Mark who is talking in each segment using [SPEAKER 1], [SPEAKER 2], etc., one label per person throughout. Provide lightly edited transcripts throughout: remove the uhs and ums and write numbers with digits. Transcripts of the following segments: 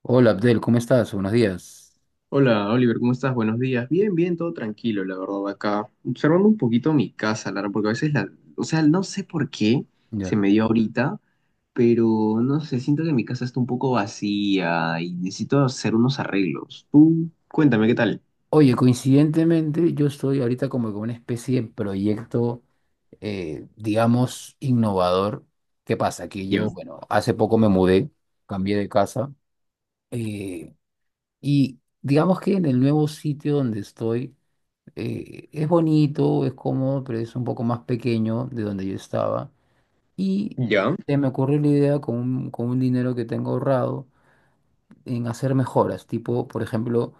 [SPEAKER 1] Hola Abdel, ¿cómo estás? Buenos días.
[SPEAKER 2] Hola Oliver, ¿cómo estás? Buenos días. Bien, bien, todo tranquilo, la verdad, acá. Observando un poquito mi casa, Lara, porque o sea, no sé por qué se
[SPEAKER 1] Ya.
[SPEAKER 2] me dio ahorita, pero no sé, siento que mi casa está un poco vacía y necesito hacer unos arreglos. Tú, cuéntame qué tal.
[SPEAKER 1] Oye, coincidentemente yo estoy ahorita como con una especie de proyecto, digamos, innovador. ¿Qué pasa? Que
[SPEAKER 2] Ya,
[SPEAKER 1] yo, bueno, hace poco me mudé, cambié de casa eh, y digamos que en el nuevo sitio donde estoy, es bonito, es cómodo, pero es un poco más pequeño de donde yo estaba. Y
[SPEAKER 2] ya,
[SPEAKER 1] se me ocurrió la idea con un dinero que tengo ahorrado en hacer mejoras, tipo, por ejemplo,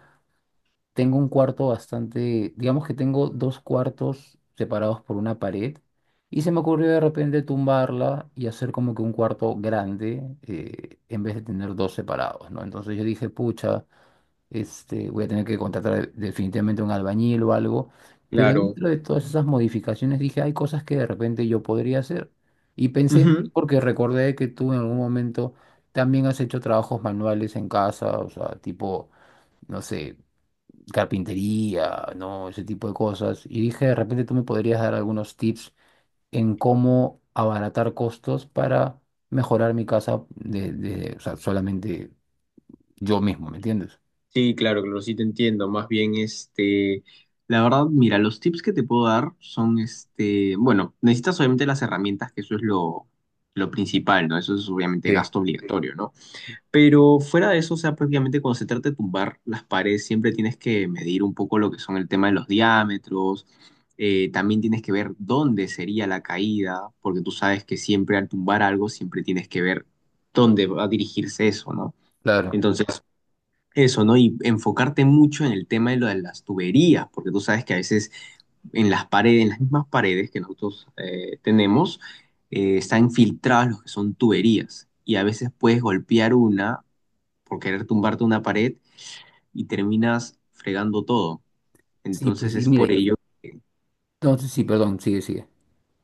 [SPEAKER 1] tengo un cuarto bastante, digamos que tengo dos cuartos separados por una pared y se me ocurrió de repente tumbarla y hacer como que un cuarto grande, en vez de tener dos separados, ¿no? Entonces yo dije, pucha, este, voy a tener que contratar definitivamente un albañil o algo, pero
[SPEAKER 2] claro.
[SPEAKER 1] dentro de todas esas modificaciones dije, hay cosas que de repente yo podría hacer. Y pensé,
[SPEAKER 2] Ujú.
[SPEAKER 1] porque recordé que tú en algún momento también has hecho trabajos manuales en casa, o sea, tipo no sé, carpintería, ¿no? Ese tipo de cosas. Y dije, de repente tú me podrías dar algunos tips en cómo abaratar costos para mejorar mi casa o sea, solamente yo mismo, ¿me entiendes?
[SPEAKER 2] Sí, claro, claro, sí te entiendo. Más bien, este, la verdad, mira, los tips que te puedo dar son, este, bueno, necesitas obviamente las herramientas, que eso es lo principal, ¿no? Eso es obviamente
[SPEAKER 1] Sí,
[SPEAKER 2] gasto obligatorio, ¿no? Pero fuera de eso, o sea, prácticamente cuando se trata de tumbar las paredes, siempre tienes que medir un poco lo que son el tema de los diámetros. También tienes que ver dónde sería la caída, porque tú sabes que siempre al tumbar algo, siempre tienes que ver dónde va a dirigirse eso, ¿no?
[SPEAKER 1] claro.
[SPEAKER 2] Entonces, eso, ¿no? Y enfocarte mucho en el tema de lo de las tuberías, porque tú sabes que a veces en las mismas paredes que nosotros tenemos, están filtrados los que son tuberías. Y a veces puedes golpear una por querer tumbarte una pared y terminas fregando todo.
[SPEAKER 1] Sí,
[SPEAKER 2] Entonces
[SPEAKER 1] pues, y
[SPEAKER 2] es por
[SPEAKER 1] mire,
[SPEAKER 2] ello que-
[SPEAKER 1] no, sí, sí, perdón, sigue, sigue.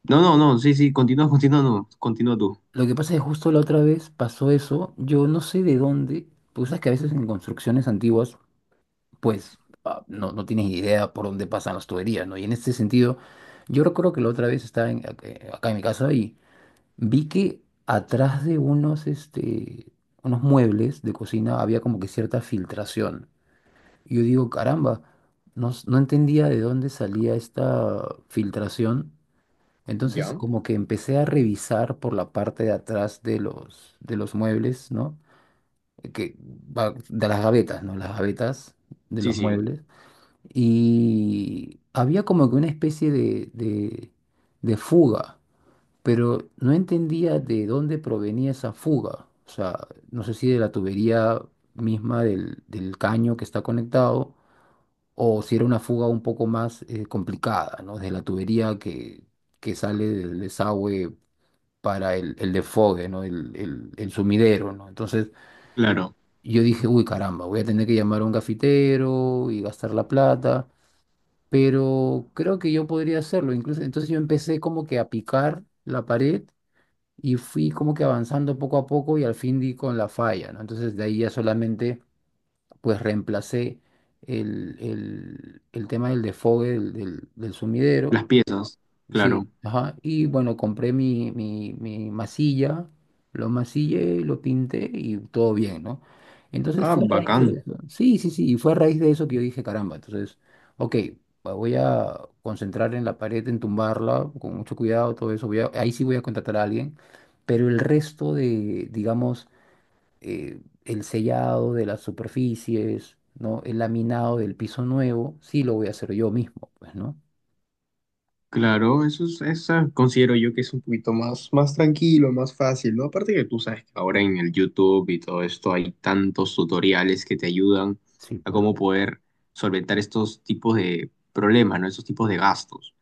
[SPEAKER 2] No, no, no, sí, sí, continúa, continúa, no, continúa tú.
[SPEAKER 1] Lo que pasa es que justo la otra vez pasó eso, yo no sé de dónde, pues sabes que a veces en construcciones antiguas, pues ah, no, no tienes idea por dónde pasan las tuberías, ¿no? Y en este sentido, yo recuerdo que la otra vez estaba acá en mi casa. Vi que atrás de unos, este, unos muebles de cocina había como que cierta filtración. Y yo digo, caramba, no, no entendía de dónde salía esta filtración. Entonces
[SPEAKER 2] ¿Ya?
[SPEAKER 1] como que empecé a revisar por la parte de atrás de los muebles, ¿no? Que, de las gavetas, ¿no? Las gavetas de
[SPEAKER 2] Sí,
[SPEAKER 1] los
[SPEAKER 2] sí.
[SPEAKER 1] muebles. Y había como que una especie de, de fuga, pero no entendía de dónde provenía esa fuga. O sea, no sé si de la tubería misma del, del caño que está conectado o si era una fuga un poco más, complicada, ¿no? De la tubería que sale del desagüe para el desfogue, ¿no? El sumidero, ¿no? Entonces
[SPEAKER 2] Claro,
[SPEAKER 1] yo dije, uy, caramba, voy a tener que llamar a un cafetero y gastar la plata. Pero creo que yo podría hacerlo. Incluso, entonces yo empecé como que a picar la pared y fui como que avanzando poco a poco y al fin di con la falla, ¿no? Entonces de ahí ya solamente pues reemplacé el, el tema del desfogue del, del sumidero.
[SPEAKER 2] las piezas, claro.
[SPEAKER 1] Sí, ajá. Y bueno, compré mi, mi, mi masilla, lo masillé, lo pinté y todo bien, ¿no? Entonces
[SPEAKER 2] Ah,
[SPEAKER 1] fue a raíz
[SPEAKER 2] bacán.
[SPEAKER 1] de eso. Sí, sí, sí, y fue a raíz de eso que yo dije, caramba, entonces, ok, me voy a concentrar en la pared, en tumbarla, con mucho cuidado, todo eso. Ahí sí voy a contratar a alguien, pero el resto de, digamos, el sellado de las superficies, ¿no? El laminado del piso nuevo, sí lo voy a hacer yo mismo, pues, ¿no?
[SPEAKER 2] Claro, eso es, esa considero yo que es un poquito más, más tranquilo, más fácil, ¿no? Aparte que tú sabes que ahora en el YouTube y todo esto hay tantos tutoriales que te ayudan
[SPEAKER 1] Sí,
[SPEAKER 2] a
[SPEAKER 1] pues.
[SPEAKER 2] cómo poder solventar estos tipos de problemas, ¿no? Estos tipos de gastos.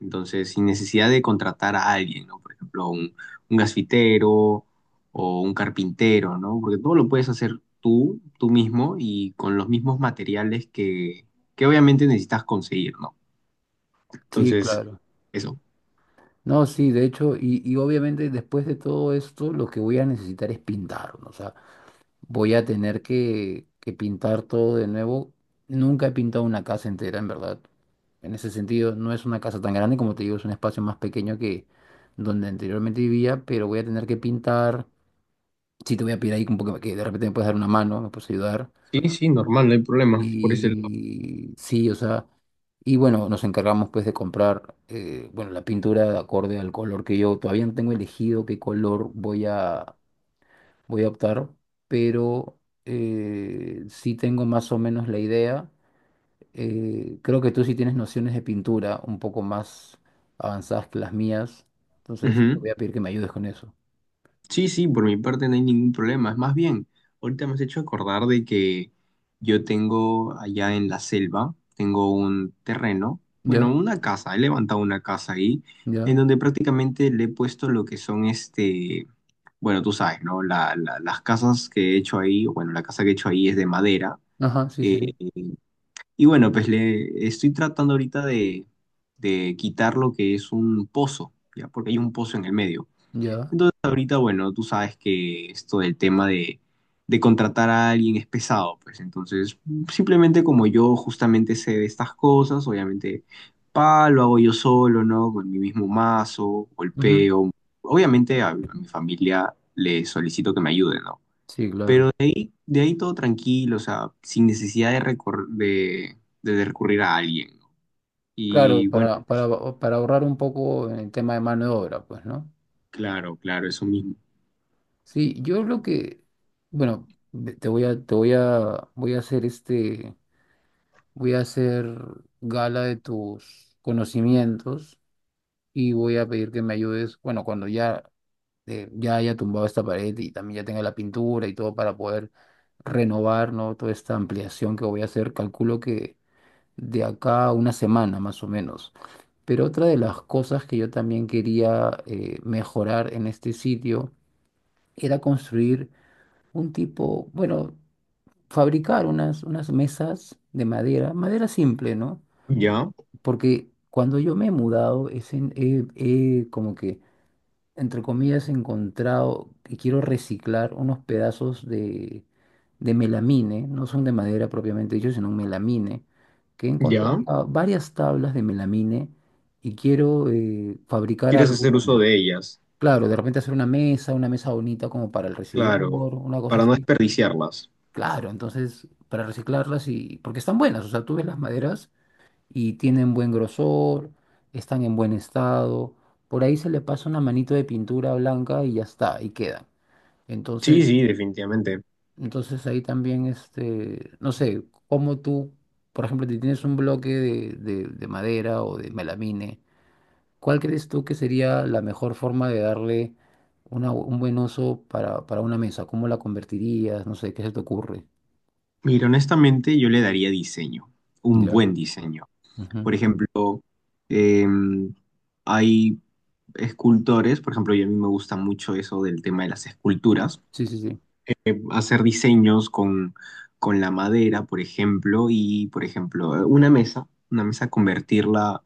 [SPEAKER 2] Entonces, sin necesidad de contratar a alguien, ¿no? Por ejemplo, un gasfitero o un carpintero, ¿no? Porque todo lo puedes hacer tú, tú mismo y con los mismos materiales que obviamente necesitas conseguir, ¿no?
[SPEAKER 1] Sí,
[SPEAKER 2] Entonces,
[SPEAKER 1] claro.
[SPEAKER 2] eso.
[SPEAKER 1] No, sí, de hecho, y obviamente después de todo esto, lo que voy a necesitar es pintar, ¿no? O sea, voy a tener que pintar todo de nuevo. Nunca he pintado una casa entera, en verdad. En ese sentido, no es una casa tan grande, como te digo, es un espacio más pequeño que donde anteriormente vivía, pero voy a tener que pintar. Sí, te voy a pedir ahí un poco que de repente me puedes dar una mano, me puedes ayudar.
[SPEAKER 2] Sí, sí, normal, no hay problema por ese lado.
[SPEAKER 1] Y sí, o sea, y bueno, nos encargamos pues de comprar, bueno, la pintura de acorde al color que yo todavía no tengo elegido qué color voy a, voy a optar, pero, sí tengo más o menos la idea. Creo que tú sí tienes nociones de pintura un poco más avanzadas que las mías, entonces sí te
[SPEAKER 2] Ujú.
[SPEAKER 1] voy a pedir que me ayudes con eso.
[SPEAKER 2] Sí, sí, por mi parte no hay ningún problema. Es más bien, ahorita me has hecho acordar de que yo tengo allá en la selva, tengo un terreno, bueno,
[SPEAKER 1] Ya,
[SPEAKER 2] una casa, he levantado una casa ahí, en
[SPEAKER 1] ya,
[SPEAKER 2] donde prácticamente le he puesto lo que son este, bueno, tú sabes, ¿no? Las casas que he hecho ahí, bueno, la casa que he hecho ahí es de madera.
[SPEAKER 1] ajá, sí, sí,
[SPEAKER 2] eh,
[SPEAKER 1] sí,
[SPEAKER 2] Y bueno, pues le estoy tratando ahorita de quitar lo que es un pozo, ¿ya? Porque hay un pozo en el medio.
[SPEAKER 1] ya,
[SPEAKER 2] Entonces ahorita, bueno, tú sabes que esto del tema de contratar a alguien es pesado, pues entonces simplemente como yo justamente sé de estas cosas, obviamente pa, lo hago yo solo, ¿no? Con mi mismo mazo,
[SPEAKER 1] ujú.
[SPEAKER 2] golpeo. Obviamente a mi familia le solicito que me ayude, ¿no?
[SPEAKER 1] Sí, claro.
[SPEAKER 2] De ahí todo tranquilo, o sea, sin necesidad de, de recurrir a alguien, ¿no?
[SPEAKER 1] Claro,
[SPEAKER 2] Y bueno,
[SPEAKER 1] para ahorrar un poco en el tema de mano de obra, pues, ¿no?
[SPEAKER 2] claro, claro, eso mismo.
[SPEAKER 1] Sí, yo lo que, bueno, te voy a, voy a hacer este, voy a hacer gala de tus conocimientos y voy a pedir que me ayudes, bueno, cuando ya, ya haya tumbado esta pared y también ya tenga la pintura y todo para poder renovar, ¿no? Toda esta ampliación que voy a hacer, calculo que de acá a una semana más o menos. Pero otra de las cosas que yo también quería, mejorar en este sitio era construir un tipo, bueno, fabricar unas, unas mesas de madera, madera simple, ¿no?
[SPEAKER 2] Ya,
[SPEAKER 1] Porque cuando yo me he mudado, es en- he he como que entre comillas, encontrado que quiero reciclar unos pedazos de melamine, no son de madera propiamente dicho, sino un melamine, que he encontrado
[SPEAKER 2] ya.
[SPEAKER 1] acá varias tablas de melamine y quiero, fabricar
[SPEAKER 2] Quieres
[SPEAKER 1] algo
[SPEAKER 2] hacer
[SPEAKER 1] con
[SPEAKER 2] uso
[SPEAKER 1] él.
[SPEAKER 2] de ellas,
[SPEAKER 1] Claro, de repente hacer una mesa bonita como para el recibidor,
[SPEAKER 2] claro,
[SPEAKER 1] una cosa
[SPEAKER 2] para no
[SPEAKER 1] así.
[SPEAKER 2] desperdiciarlas.
[SPEAKER 1] Claro, entonces para reciclarlas y porque están buenas, o sea, tú ves las maderas y tienen buen grosor, están en buen estado. Por ahí se le pasa una manito de pintura blanca y ya está, y queda.
[SPEAKER 2] Sí,
[SPEAKER 1] Entonces,
[SPEAKER 2] sí, definitivamente.
[SPEAKER 1] entonces ahí también, este, no sé, como tú, por ejemplo, si tienes un bloque de, de madera o de melamine, ¿cuál crees tú que sería la mejor forma de darle un buen uso para una mesa? ¿Cómo la convertirías? No sé, ¿qué se te ocurre?
[SPEAKER 2] Mira, honestamente yo le daría diseño, un
[SPEAKER 1] Ya.
[SPEAKER 2] buen diseño.
[SPEAKER 1] Ujú.
[SPEAKER 2] Por ejemplo, em, hay escultores, por ejemplo, y a mí me gusta mucho eso del tema de las esculturas
[SPEAKER 1] Sí, sí, sí.
[SPEAKER 2] hacer diseños con la madera, por ejemplo, y, por ejemplo, una mesa convertirla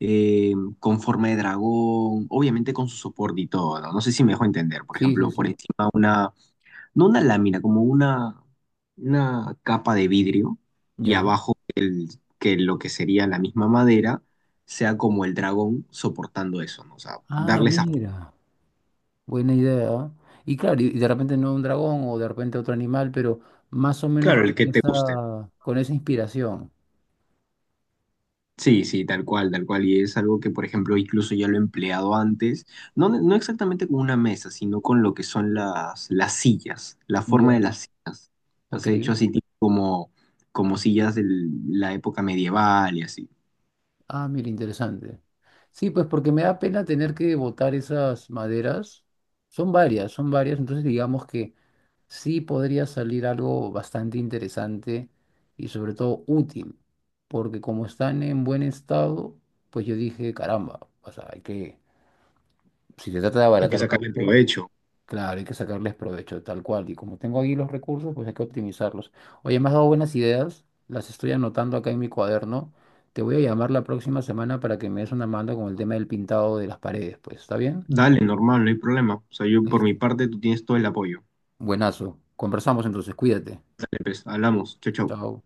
[SPEAKER 2] eh, con forma de dragón, obviamente con su soporte y todo, ¿no? No sé si me dejo entender, por
[SPEAKER 1] Sí, sí,
[SPEAKER 2] ejemplo, por
[SPEAKER 1] sí.
[SPEAKER 2] encima una, no una lámina, como una capa de vidrio y
[SPEAKER 1] Ya.
[SPEAKER 2] abajo el, que lo que sería la misma madera sea como el dragón soportando eso, ¿no? O sea,
[SPEAKER 1] Ah,
[SPEAKER 2] darle esa...
[SPEAKER 1] mira. Buena idea. Y claro, y de repente no un dragón o de repente otro animal, pero más o menos
[SPEAKER 2] Claro, el que te guste.
[SPEAKER 1] con esa inspiración.
[SPEAKER 2] Sí, sí, tal cual, tal cual. Y es algo que, por ejemplo, incluso ya lo he empleado antes, no, no exactamente con una mesa, sino con lo que son las sillas, la forma de
[SPEAKER 1] Ya.
[SPEAKER 2] las sillas. Las
[SPEAKER 1] Ok.
[SPEAKER 2] he hecho así tipo como, como sillas de la época medieval y así.
[SPEAKER 1] Ah, mira, interesante. Sí, pues porque me da pena tener que botar esas maderas. Son varias, entonces digamos que sí podría salir algo bastante interesante y sobre todo útil, porque como están en buen estado, pues yo dije, caramba, o sea, hay que, si se trata de
[SPEAKER 2] Hay que
[SPEAKER 1] abaratar
[SPEAKER 2] sacarle
[SPEAKER 1] costos.
[SPEAKER 2] provecho.
[SPEAKER 1] Claro, hay que sacarles provecho, tal cual. Y como tengo ahí los recursos, pues hay que optimizarlos. Oye, me has dado buenas ideas, las estoy anotando acá en mi cuaderno. Te voy a llamar la próxima semana para que me des una mano con el tema del pintado de las paredes, pues, ¿está bien?
[SPEAKER 2] Dale, normal, no hay problema. O sea, yo por mi
[SPEAKER 1] Listo.
[SPEAKER 2] parte, tú tienes todo el apoyo.
[SPEAKER 1] Buenazo. Conversamos entonces, cuídate.
[SPEAKER 2] Dale, pues, hablamos. Chau, chau.
[SPEAKER 1] Chao.